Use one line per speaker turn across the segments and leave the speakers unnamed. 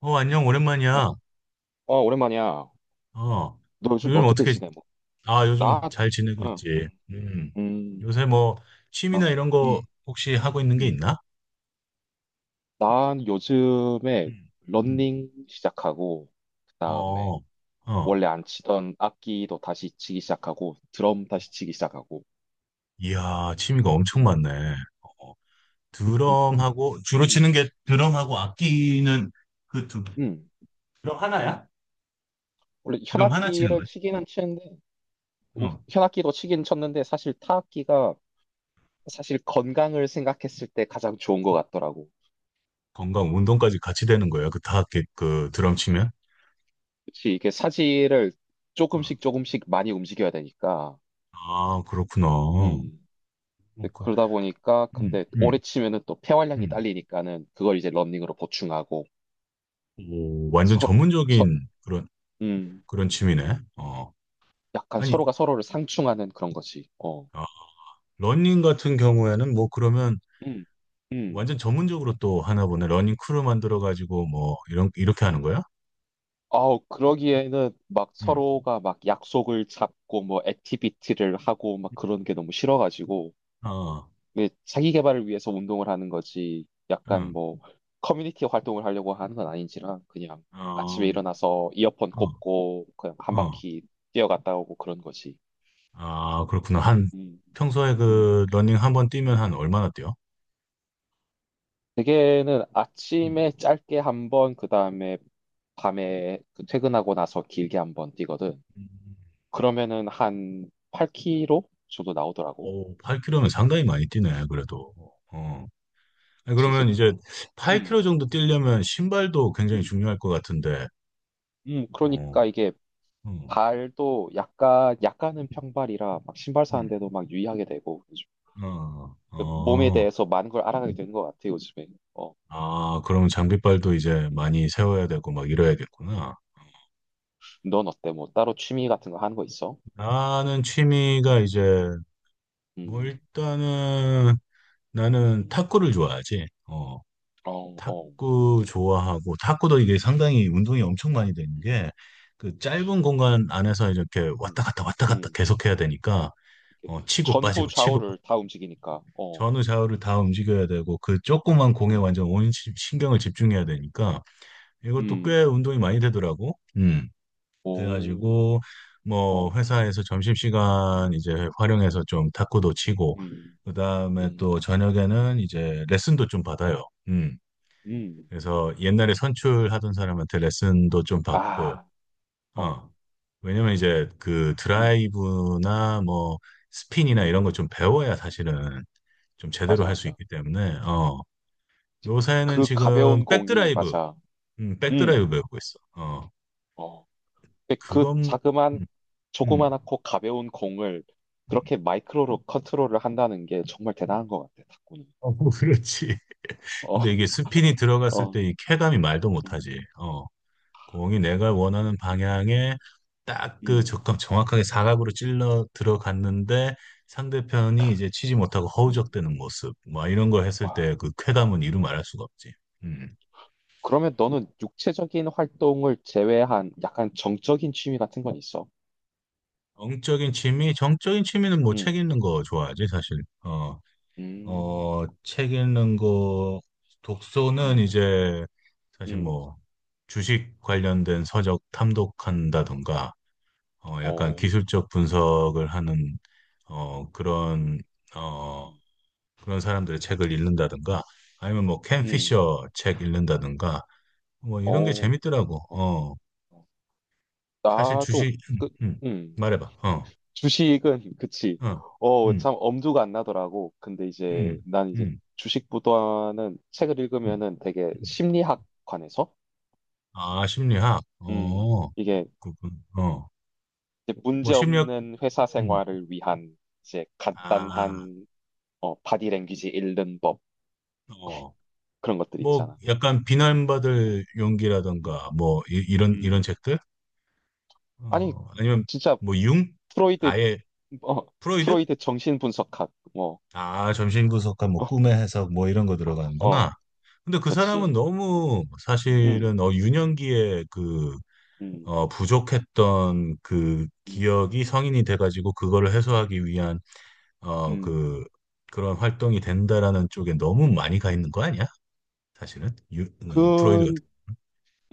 안녕,
어,
오랜만이야.
어, 오랜만이야.
어,
너 요즘
요즘
어떻게
어떻게,
지내? 뭐,
요즘
나,
잘 지내고
응,
있지.
음,
요새 뭐, 취미나
어,
이런 거
음,
혹시 하고 있는 게
음.
있나?
난 요즘에
음, 음.
러닝 시작하고, 그다음에
어, 어,
원래 안 치던 악기도 다시 치기 시작하고, 드럼 다시 치기 시작하고.
이야, 취미가 엄청
음,
많네. 어,
음,
드럼하고, 주로
음,
치는 게
음.
드럼하고
음.
악기는 그 두,
음.
드럼 하나야?
원래
드럼 하나 치는
현악기를
거지?
치기는 치는데, 오,
어,
현악기도 치긴 쳤는데, 사실 타악기가 사실 건강을 생각했을 때 가장 좋은 것 같더라고.
건강, 운동까지 같이 되는 거야. 그 드럼 치면?
그치, 이게 사지를
어.
조금씩 조금씩 많이 움직여야 되니까.
아, 그렇구나.
음. 근데
그,
그러다 보니까,
음,
근데
음,
오래 치면은 또 폐활량이
음.
딸리니까는 그걸 이제 러닝으로 보충하고,
오, 완전
서, 서,
전문적인 그런
음.
그런 취미네. 어,
약간
아니,
서로가 서로를 상충하는 그런 거지. 어.
어, 러닝 같은 경우에는 뭐 그러면
음. 음.
완전 전문적으로 또 하나 보네. 러닝 크루 만들어 가지고 뭐 이런 이렇게 하는 거야?
아우, 그러기에는 막
응.
서로가 막 약속을 잡고 뭐 액티비티를 하고 막 그런 게 너무 싫어가지고,
어,
이게 자기 개발을 위해서 운동을 하는 거지 약간
응.
뭐 커뮤니티 활동을 하려고 하는 건 아닌지라 그냥 아침에
어,
일어나서 이어폰
어,
꽂고 그냥 한
어.
바퀴 뛰어갔다 오고 그런 거지.
아, 그렇구나. 한
음,
평소에
음.
그 러닝 한번 뛰면 한 얼마나 뛰어?
대개는
음.
아침에 짧게 한 번, 그 다음에 밤에 그 퇴근하고 나서 길게 한 번 뛰거든.
음.
그러면은 한 8km 정도 나오더라고.
오, 8km면 상당히 많이 뛰네. 그래도. 어. 아니,
그치, 이제
그러면 이제 8km
음,
정도 뛰려면 신발도 굉장히
음,
중요할 것 같은데. 어,
그러니까 이게
음,
발도 약간은 평발이라 막 신발
음.
사는데도 막 유의하게 되고 요즘
어,
몸에
어.
대해서 많은 걸 알아가게 되는 것 같아 요즘에. 어,
아, 그럼 장비빨도 이제
음.
많이 세워야 되고 막 이래야겠구나.
넌 어때? 뭐 따로 취미 같은 거 하는 거 있어?
나는 취미가 이제 뭐
음,
일단은 나는
음.
탁구를 좋아하지.
어, 어,
탁구 좋아하고 탁구도 이게 상당히 운동이 엄청 많이 되는
음,
게 그 짧은 공간 안에서 이렇게
음,
왔다 갔다 왔다 갔다
음.
계속 해야 되니까
이렇게
치고
전후
빠지고 치고
좌우를
빠지고
다 움직이니까. 어,
전후 좌우를 다 움직여야 되고 그 조그만 공에
음,
완전 온 신경을 집중해야 되니까 이것도 꽤
음,
운동이 많이 되더라고. 음.
오,
그래가지고 뭐
어,
회사에서 점심시간 이제 활용해서 좀 탁구도 치고
음,
그다음에 또
음,
저녁에는 이제 레슨도 좀 받아요. 음.
음.
그래서 옛날에 선출하던 사람한테 레슨도 좀 받고
아, 어,
어. 왜냐면 이제 그
음,
드라이브나 뭐 스핀이나
음.
이런 거 좀 배워야 사실은 좀 제대로
맞아,
할 수
맞아.
있기 때문에 어. 요새는
그
지금
가벼운 공이 맞아.
백드라이브
음.
배우고 있어. 어.
어. 근데 그
그건
자그만
음. 음.
조그만하고 가벼운 공을
음.
그렇게 마이크로로 컨트롤을 한다는 게 정말 대단한 것 같아, 탁구는.
어, 그렇지. 근데
어,
이게 스핀이 들어갔을
어,
때 이 쾌감이 말도
음,
못하지. 어, 공이 내가 원하는 방향에 딱 그
음,
적합 정확하게 사각으로 찔러 들어갔는데 상대편이 이제 치지 못하고
음,
허우적대는 모습. 뭐 이런 거 했을
와.
때 그
와.
쾌감은 이루 말할 수가 없지. 음.
그러면 너는 육체적인 활동을 제외한 약간 정적인 취미 같은 건 있어?
정적인 취미, 정적인 취미는 뭐 책
음,
읽는 거 좋아하지, 사실. 어,
음,
책 읽는 거, 독서는
음,
이제 사실
음,
뭐 주식 관련된 서적 탐독한다던가, 약간
어,
기술적
어,
분석을 하는, 어, 그런,
음,
어,
음,
그런 사람들의 책을 읽는다던가, 아니면 뭐 캔
음,
피셔 책 읽는다던가, 뭐 이런 게
어,
재밌더라고.
어, 어.
사실
나도,
주식,
그, 음.
말해봐.
주식은 그치.
어, 음,
참 엄두가 안 나더라고. 근데 이제
음,
난 이제
음,
주식보다는 책을
음,
읽으면은 되게
음.
심리학 관해서
아, 심리학.
음,
어,
이게
그렇군. 어.
이제
뭐
문제
심력
없는 회사
음,
생활을 위한 이제
아,
간단한 어, 바디랭귀지 읽는 법
어,
그런 것들이
뭐
있잖아.
약간
음,
비난받을
음,
용기라던가 뭐 이, 런 이런
음.
책들,
아니
아니면
진짜
뭐 융,
프로이드
아예
어,
프로이드,
프로이드 정신 분석학 뭐
아 정신분석학 뭐
어,
꿈의 해석 뭐 이런 거 들어가는구나.
어,
근데 그 사람은
그치.
너무
음,
사실은 어 유년기에 그
음,
부족했던 그
음,
기억이 성인이 돼가지고 그거를 해소하기 위한 어,
음.
그 그런 활동이 된다라는 쪽에 너무 많이 가 있는 거 아니야? 사실은 유, 어, 프로이드
그
같은.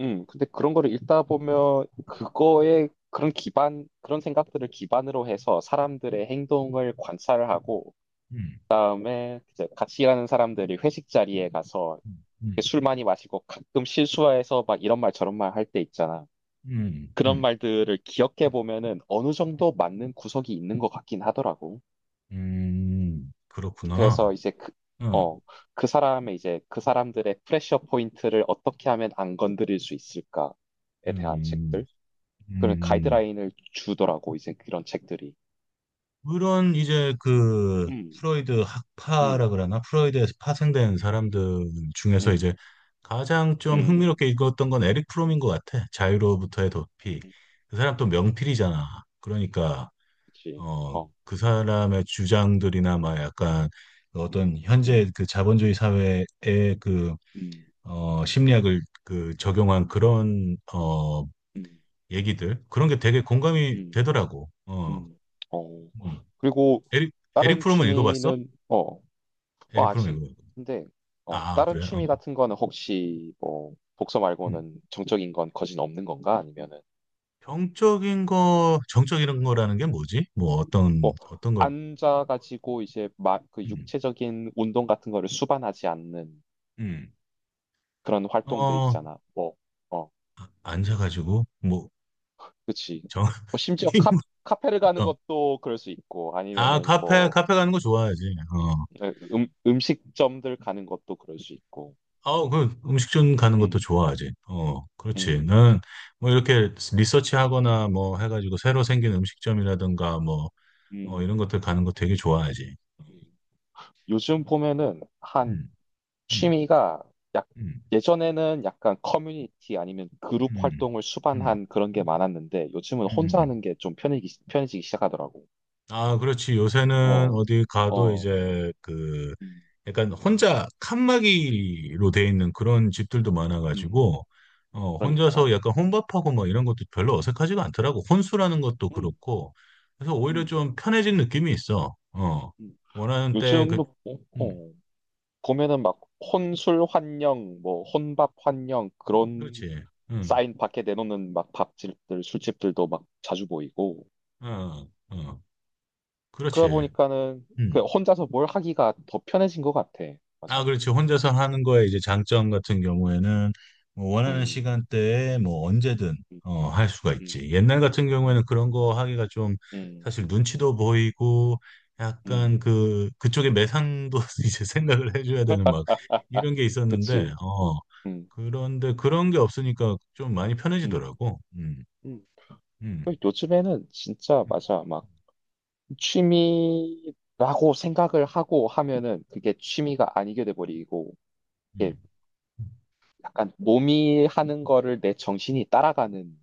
근데 그런 거를 읽다 보면 그거에 그런 기반, 그런 생각들을 기반으로 해서 사람들의 행동을 관찰을 하고,
음,
그다음에 이제 같이 일하는 사람들이 회식 자리에 가서
음,
술 많이 마시고 가끔 실수해서 막 이런 말 저런 말 할 때 있잖아.
음,
그런
음,
말들을 기억해 보면은 어느 정도 맞는 구석이 있는 것 같긴 하더라고.
그렇구나.
그래서 이제 그,
응,
어, 그 사람의 이제 그 사람들의 프레셔 포인트를 어떻게 하면 안 건드릴 수 있을까에 대한
음,
책들. 그런
음.
가이드라인을 주더라고 이제 그런 책들이.
그런 이제 그
음,
프로이드
음,
학파라 그러나 프로이드에서 파생된 사람들 중에서
음,
이제 가장 좀
음,
흥미롭게 읽었던 건 에릭 프롬인 것 같아. 자유로부터의 도피.
음,
그 사람 또 명필이잖아. 그러니까
그치. 어,
그 사람의 주장들이나 막 약간
음,
어떤
음,
현재 그 자본주의 사회의 그
음,
심리학을 그 적용한
음,
얘기들 그런 게 되게 공감이
음,
되더라고. 어,
음. 어.
음.
그리고
에릭 에릭
다른
프롬은 읽어봤어?
취미는
에릭 프롬
아직.
읽어봤어?
근데
아,
다른
그래? 어.
취미 같은 거는 혹시 뭐 독서
음.
말고는 정적인 건 거진 없는 건가? 아니면은
정적인 거 정적인 거라는 게 뭐지? 뭐 어떤
뭐
어떤 걸?
앉아가지고 이제 막 그
음.
육체적인 운동 같은 거를 수반하지 않는
음.
그런 활동들
어
있잖아. 뭐 어,
아, 앉아가지고 뭐
그치.
정.
뭐 심지어
게임을-
카페를 가는
어.
것도 그럴 수 있고,
아
아니면은
카페
뭐
카페 가는 거 좋아하지. 어.
음식점들 가는 것도 그럴 수 있고.
아, 그 음식점 가는 것도
음,
좋아하지. 어, 그렇지.
음,
나는 뭐 이렇게 리서치하거나 뭐 해가지고 새로
음,
생긴 음식점이라든가 뭐
음.
이런 것들 가는 거 되게 좋아하지.
요즘 보면은
음, 음,
취미가 약,
음,
예전에는 약간 커뮤니티 아니면 그룹
음,
활동을
음,
수반한 그런 게 많았는데, 요즘은
음, 음,
혼자
음.
하는 게 좀 편해지기 시작하더라고.
아, 그렇지. 요새는
어,
어디 가도
어,
이제 그
음,
약간 혼자 칸막이로 돼 있는 그런 집들도
음,
많아가지고 혼자서
그러니까.
약간 혼밥하고 뭐 이런 것도 별로 어색하지가 않더라고. 혼수라는 것도
음,
그렇고. 그래서 오히려
음,
좀 편해진 느낌이 있어. 어.
음.
원하는 때 그,
요즘도, 어,
음,
어. 보면은 막 혼술 환영, 뭐 혼밥 환영 그런
그렇지. 응,
사인 밖에 내놓는 막 밥집들, 술집들도 막 자주 보이고
어, 어, 그렇지.
그러다 보니까는 그
음.
혼자서 뭘 하기가 더 편해진 것 같아.
아,
맞아.
그렇죠. 혼자서 하는 거에 이제 장점 같은 경우에는 뭐 원하는
음,
시간대에 뭐 언제든
음,
할 수가
음,
있지. 옛날 같은 경우에는 그런 거 하기가 좀
음,
사실 눈치도 보이고 약간
음.
그 그쪽에 매상도 이제 생각을 해줘야 되는 막 이런 게 있었는데
그치.
어
음,
그런데 그런 게 없으니까 좀 많이
음,
편해지더라고.
음.
음,
그리고 요즘에는 진짜
음,
맞아. 막 취미라고 생각을 하고 하면은 그게 취미가 아니게 돼버리고
음,
약간 몸이 하는 거를 내 정신이 따라가는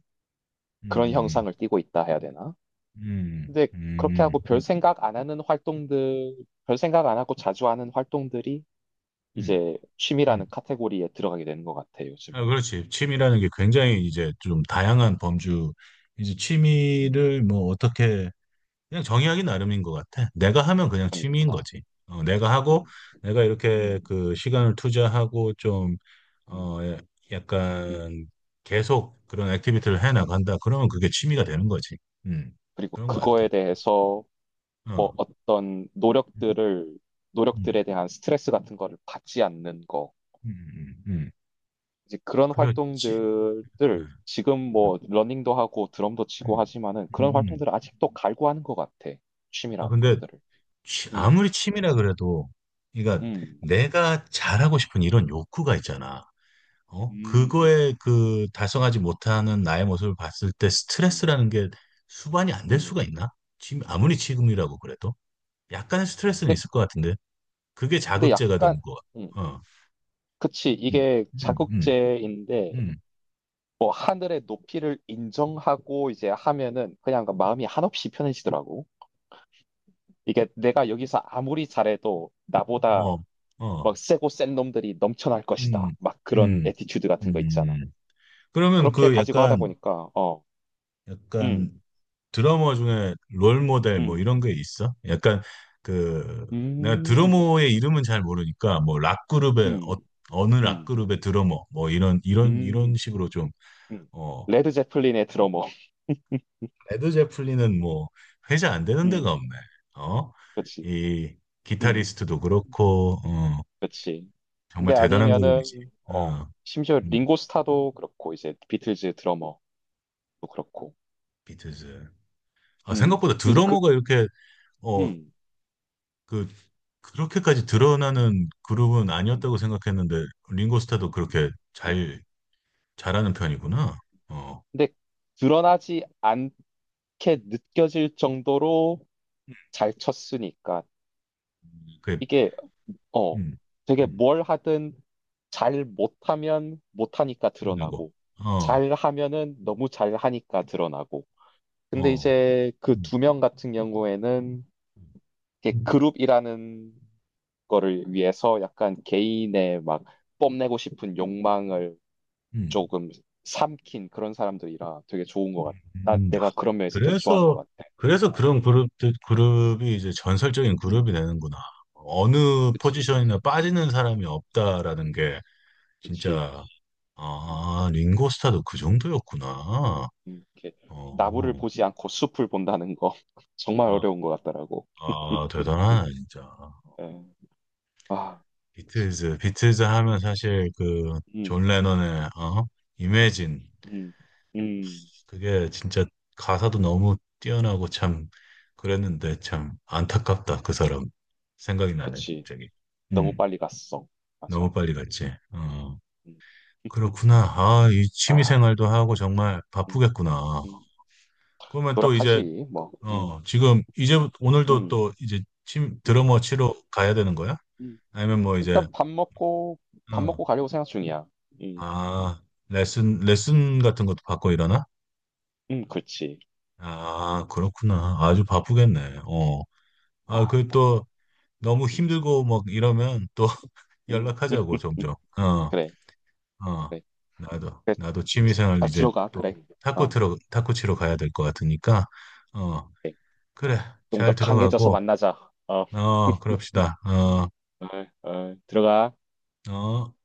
그런
음,
형상을 띠고 있다 해야 되나?
음,
근데
음, 음,
그렇게 하고
음, 음,
별
음,
생각 안 하는 활동들, 별 생각 안 하고 자주 하는 활동들이
음,
이제
음,
취미라는 카테고리에 들어가게 되는 것 같아, 요즘에.
아, 그렇지. 취미라는 게 굉장히 이제 좀 다양한 범주, 이제
음,
취미를 뭐 어떻게, 그냥
음,
정의하기 나름인 것 같아. 내가 하면 그냥 취미인
그러니까.
거지. 어, 내가 하고,
음,
내가 이렇게
음,
그 시간을 투자하고 좀,
음,
어, 예,
음,
약간 계속 그런 액티비티를 해
음.
나간다. 그러면 그게 취미가 되는 거지. 음,
그리고
그런 것
그거에
같아.
대해서 뭐
어,
어떤
음, 음,
노력들에 대한 스트레스 같은 거를 받지 않는 거.
음, 음, 음.
이제 그런
그렇지. 어,
활동들을 지금
음,
뭐 러닝도 하고 드럼도 치고
음,
하지만은
음,
그런
음.
활동들을 아직도 갈고 하는 것 같아.
아,
취미라는
근데
것들을. 음,
아무리 취미라 그래도, 그러니까
음,
내가 잘하고 싶은 이런 욕구가 있잖아. 어?
음, 음,
그거에 그 달성하지 못하는 나의 모습을 봤을 때
음,
스트레스라는 게 수반이 안 될 수가
음.
있나? 지금 아무리 지금이라고 그래도 약간의 스트레스는
근데,
있을 것 같은데 그게
근데
자극제가
약간,
되는 거
음,
같아. 어,
그치.
음,
이게
음, 음,
자극제인데
음,
뭐 하늘의 높이를 인정하고 이제 하면은 그냥 그 마음이 한없이 편해지더라고. 이게 내가 여기서 아무리 잘해도 나보다
어, 어,
막 세고 센 놈들이 넘쳐날 것이다.
음,
막 그런
음,
에티튜드 같은 거 있잖아.
음. 그러면
그렇게
그
가지고 하다
약간
보니까 어, 음,
약간 드러머 중에 롤 모델 뭐
음,
이런 게 있어? 약간 그 내가
음,
드러머의 이름은 잘 모르니까 뭐 락 그룹의
음,
어느 락
음,
그룹의 드러머 뭐 이런
음,
식으로 좀
음.
어,
레드 제플린의 드러머,
레드 제플린은 뭐 회자 안 되는 데가
음,
없네. 어?
그렇지,
이
음.
기타리스트도 그렇고 어,
그렇지.
정말
근데
대단한 그룹이지.
아니면은
어,
심지어
음,
링고 스타도 그렇고 이제 비틀즈 드러머도 그렇고
비틀즈. 아,
음,
생각보다
이제 그
드러머가 이렇게 어,
음,
그 그렇게까지 드러나는 그룹은
음,
아니었다고 생각했는데 링고스타도 그렇게
음.
잘 잘하는 편이구나. 어,
근데 드러나지 않게 느껴질 정도로 잘 쳤으니까
그,
이게 어,
음,
되게
음,
뭘 하든 잘 못하면 못하니까
나고,
드러나고,
어,
잘 하면은 너무 잘 하니까 드러나고. 근데
어,
이제 그
음,
두 명 같은 경우에는
음,
이렇게 그룹이라는 거를 위해서 약간 개인의 막 뽐내고 싶은 욕망을
음.
조금 삼킨 그런 사람들이라 되게 좋은 것 같아.
음. 아,
내가 그런 면에서 되게 좋아하는 것
그래서
같아.
그래서 그런 그룹이 이제 전설적인 그룹이
음,
되는구나. 어느
그치.
포지션이나
음,
빠지는 사람이 없다라는
음,
게
그치.
진짜 아 링고스타도 그 정도였구나.
이렇게 나무를
어,
보지 않고 숲을 본다는 거 정말
아,
어려운 것 같더라고.
아 대단하네 진짜.
예. 아, 그치.
비틀즈 하면
음,
사실 그 존
음,
레논의 어?
음,
이매진
음, 음.
그게 진짜 가사도 너무 뛰어나고 참 그랬는데 참 안타깝다 그 사람 생각이 나네
그치.
갑자기.
너무
음,
빨리 갔어. 맞아.
너무 빨리 갔지. 어,
음,
그렇구나. 아, 이 취미
아,
생활도 하고 정말
음,
바쁘겠구나.
음.
그러면 또 이제
노력하지, 뭐.
어 지금 이제
음,
오늘도
음,
또 이제 침
음.
드러머 치러 가야 되는 거야?
음.
아니면 뭐 이제
일단 밥 먹고, 밥
어,
먹고 가려고 생각 중이야. 음,
아,
음,
레슨 같은 것도 받고 일하나
그렇지.
아, 그렇구나. 아주 바쁘겠네. 어. 아,
아,
그
뭐.
또 너무
음,
힘들고 막 이러면 또
음.
연락하자고, 종종. 어,
그래,
어.
그래.
나도 취미생활
자,
이제
들어가.
또
그래. 어.
탁구 치러 가야 될 것 같으니까. 어, 그래.
좀 더
잘
강해져서
들어가고,
만나자. 어,
어, 그럽시다. 어,
어, 어, 들어가.
어.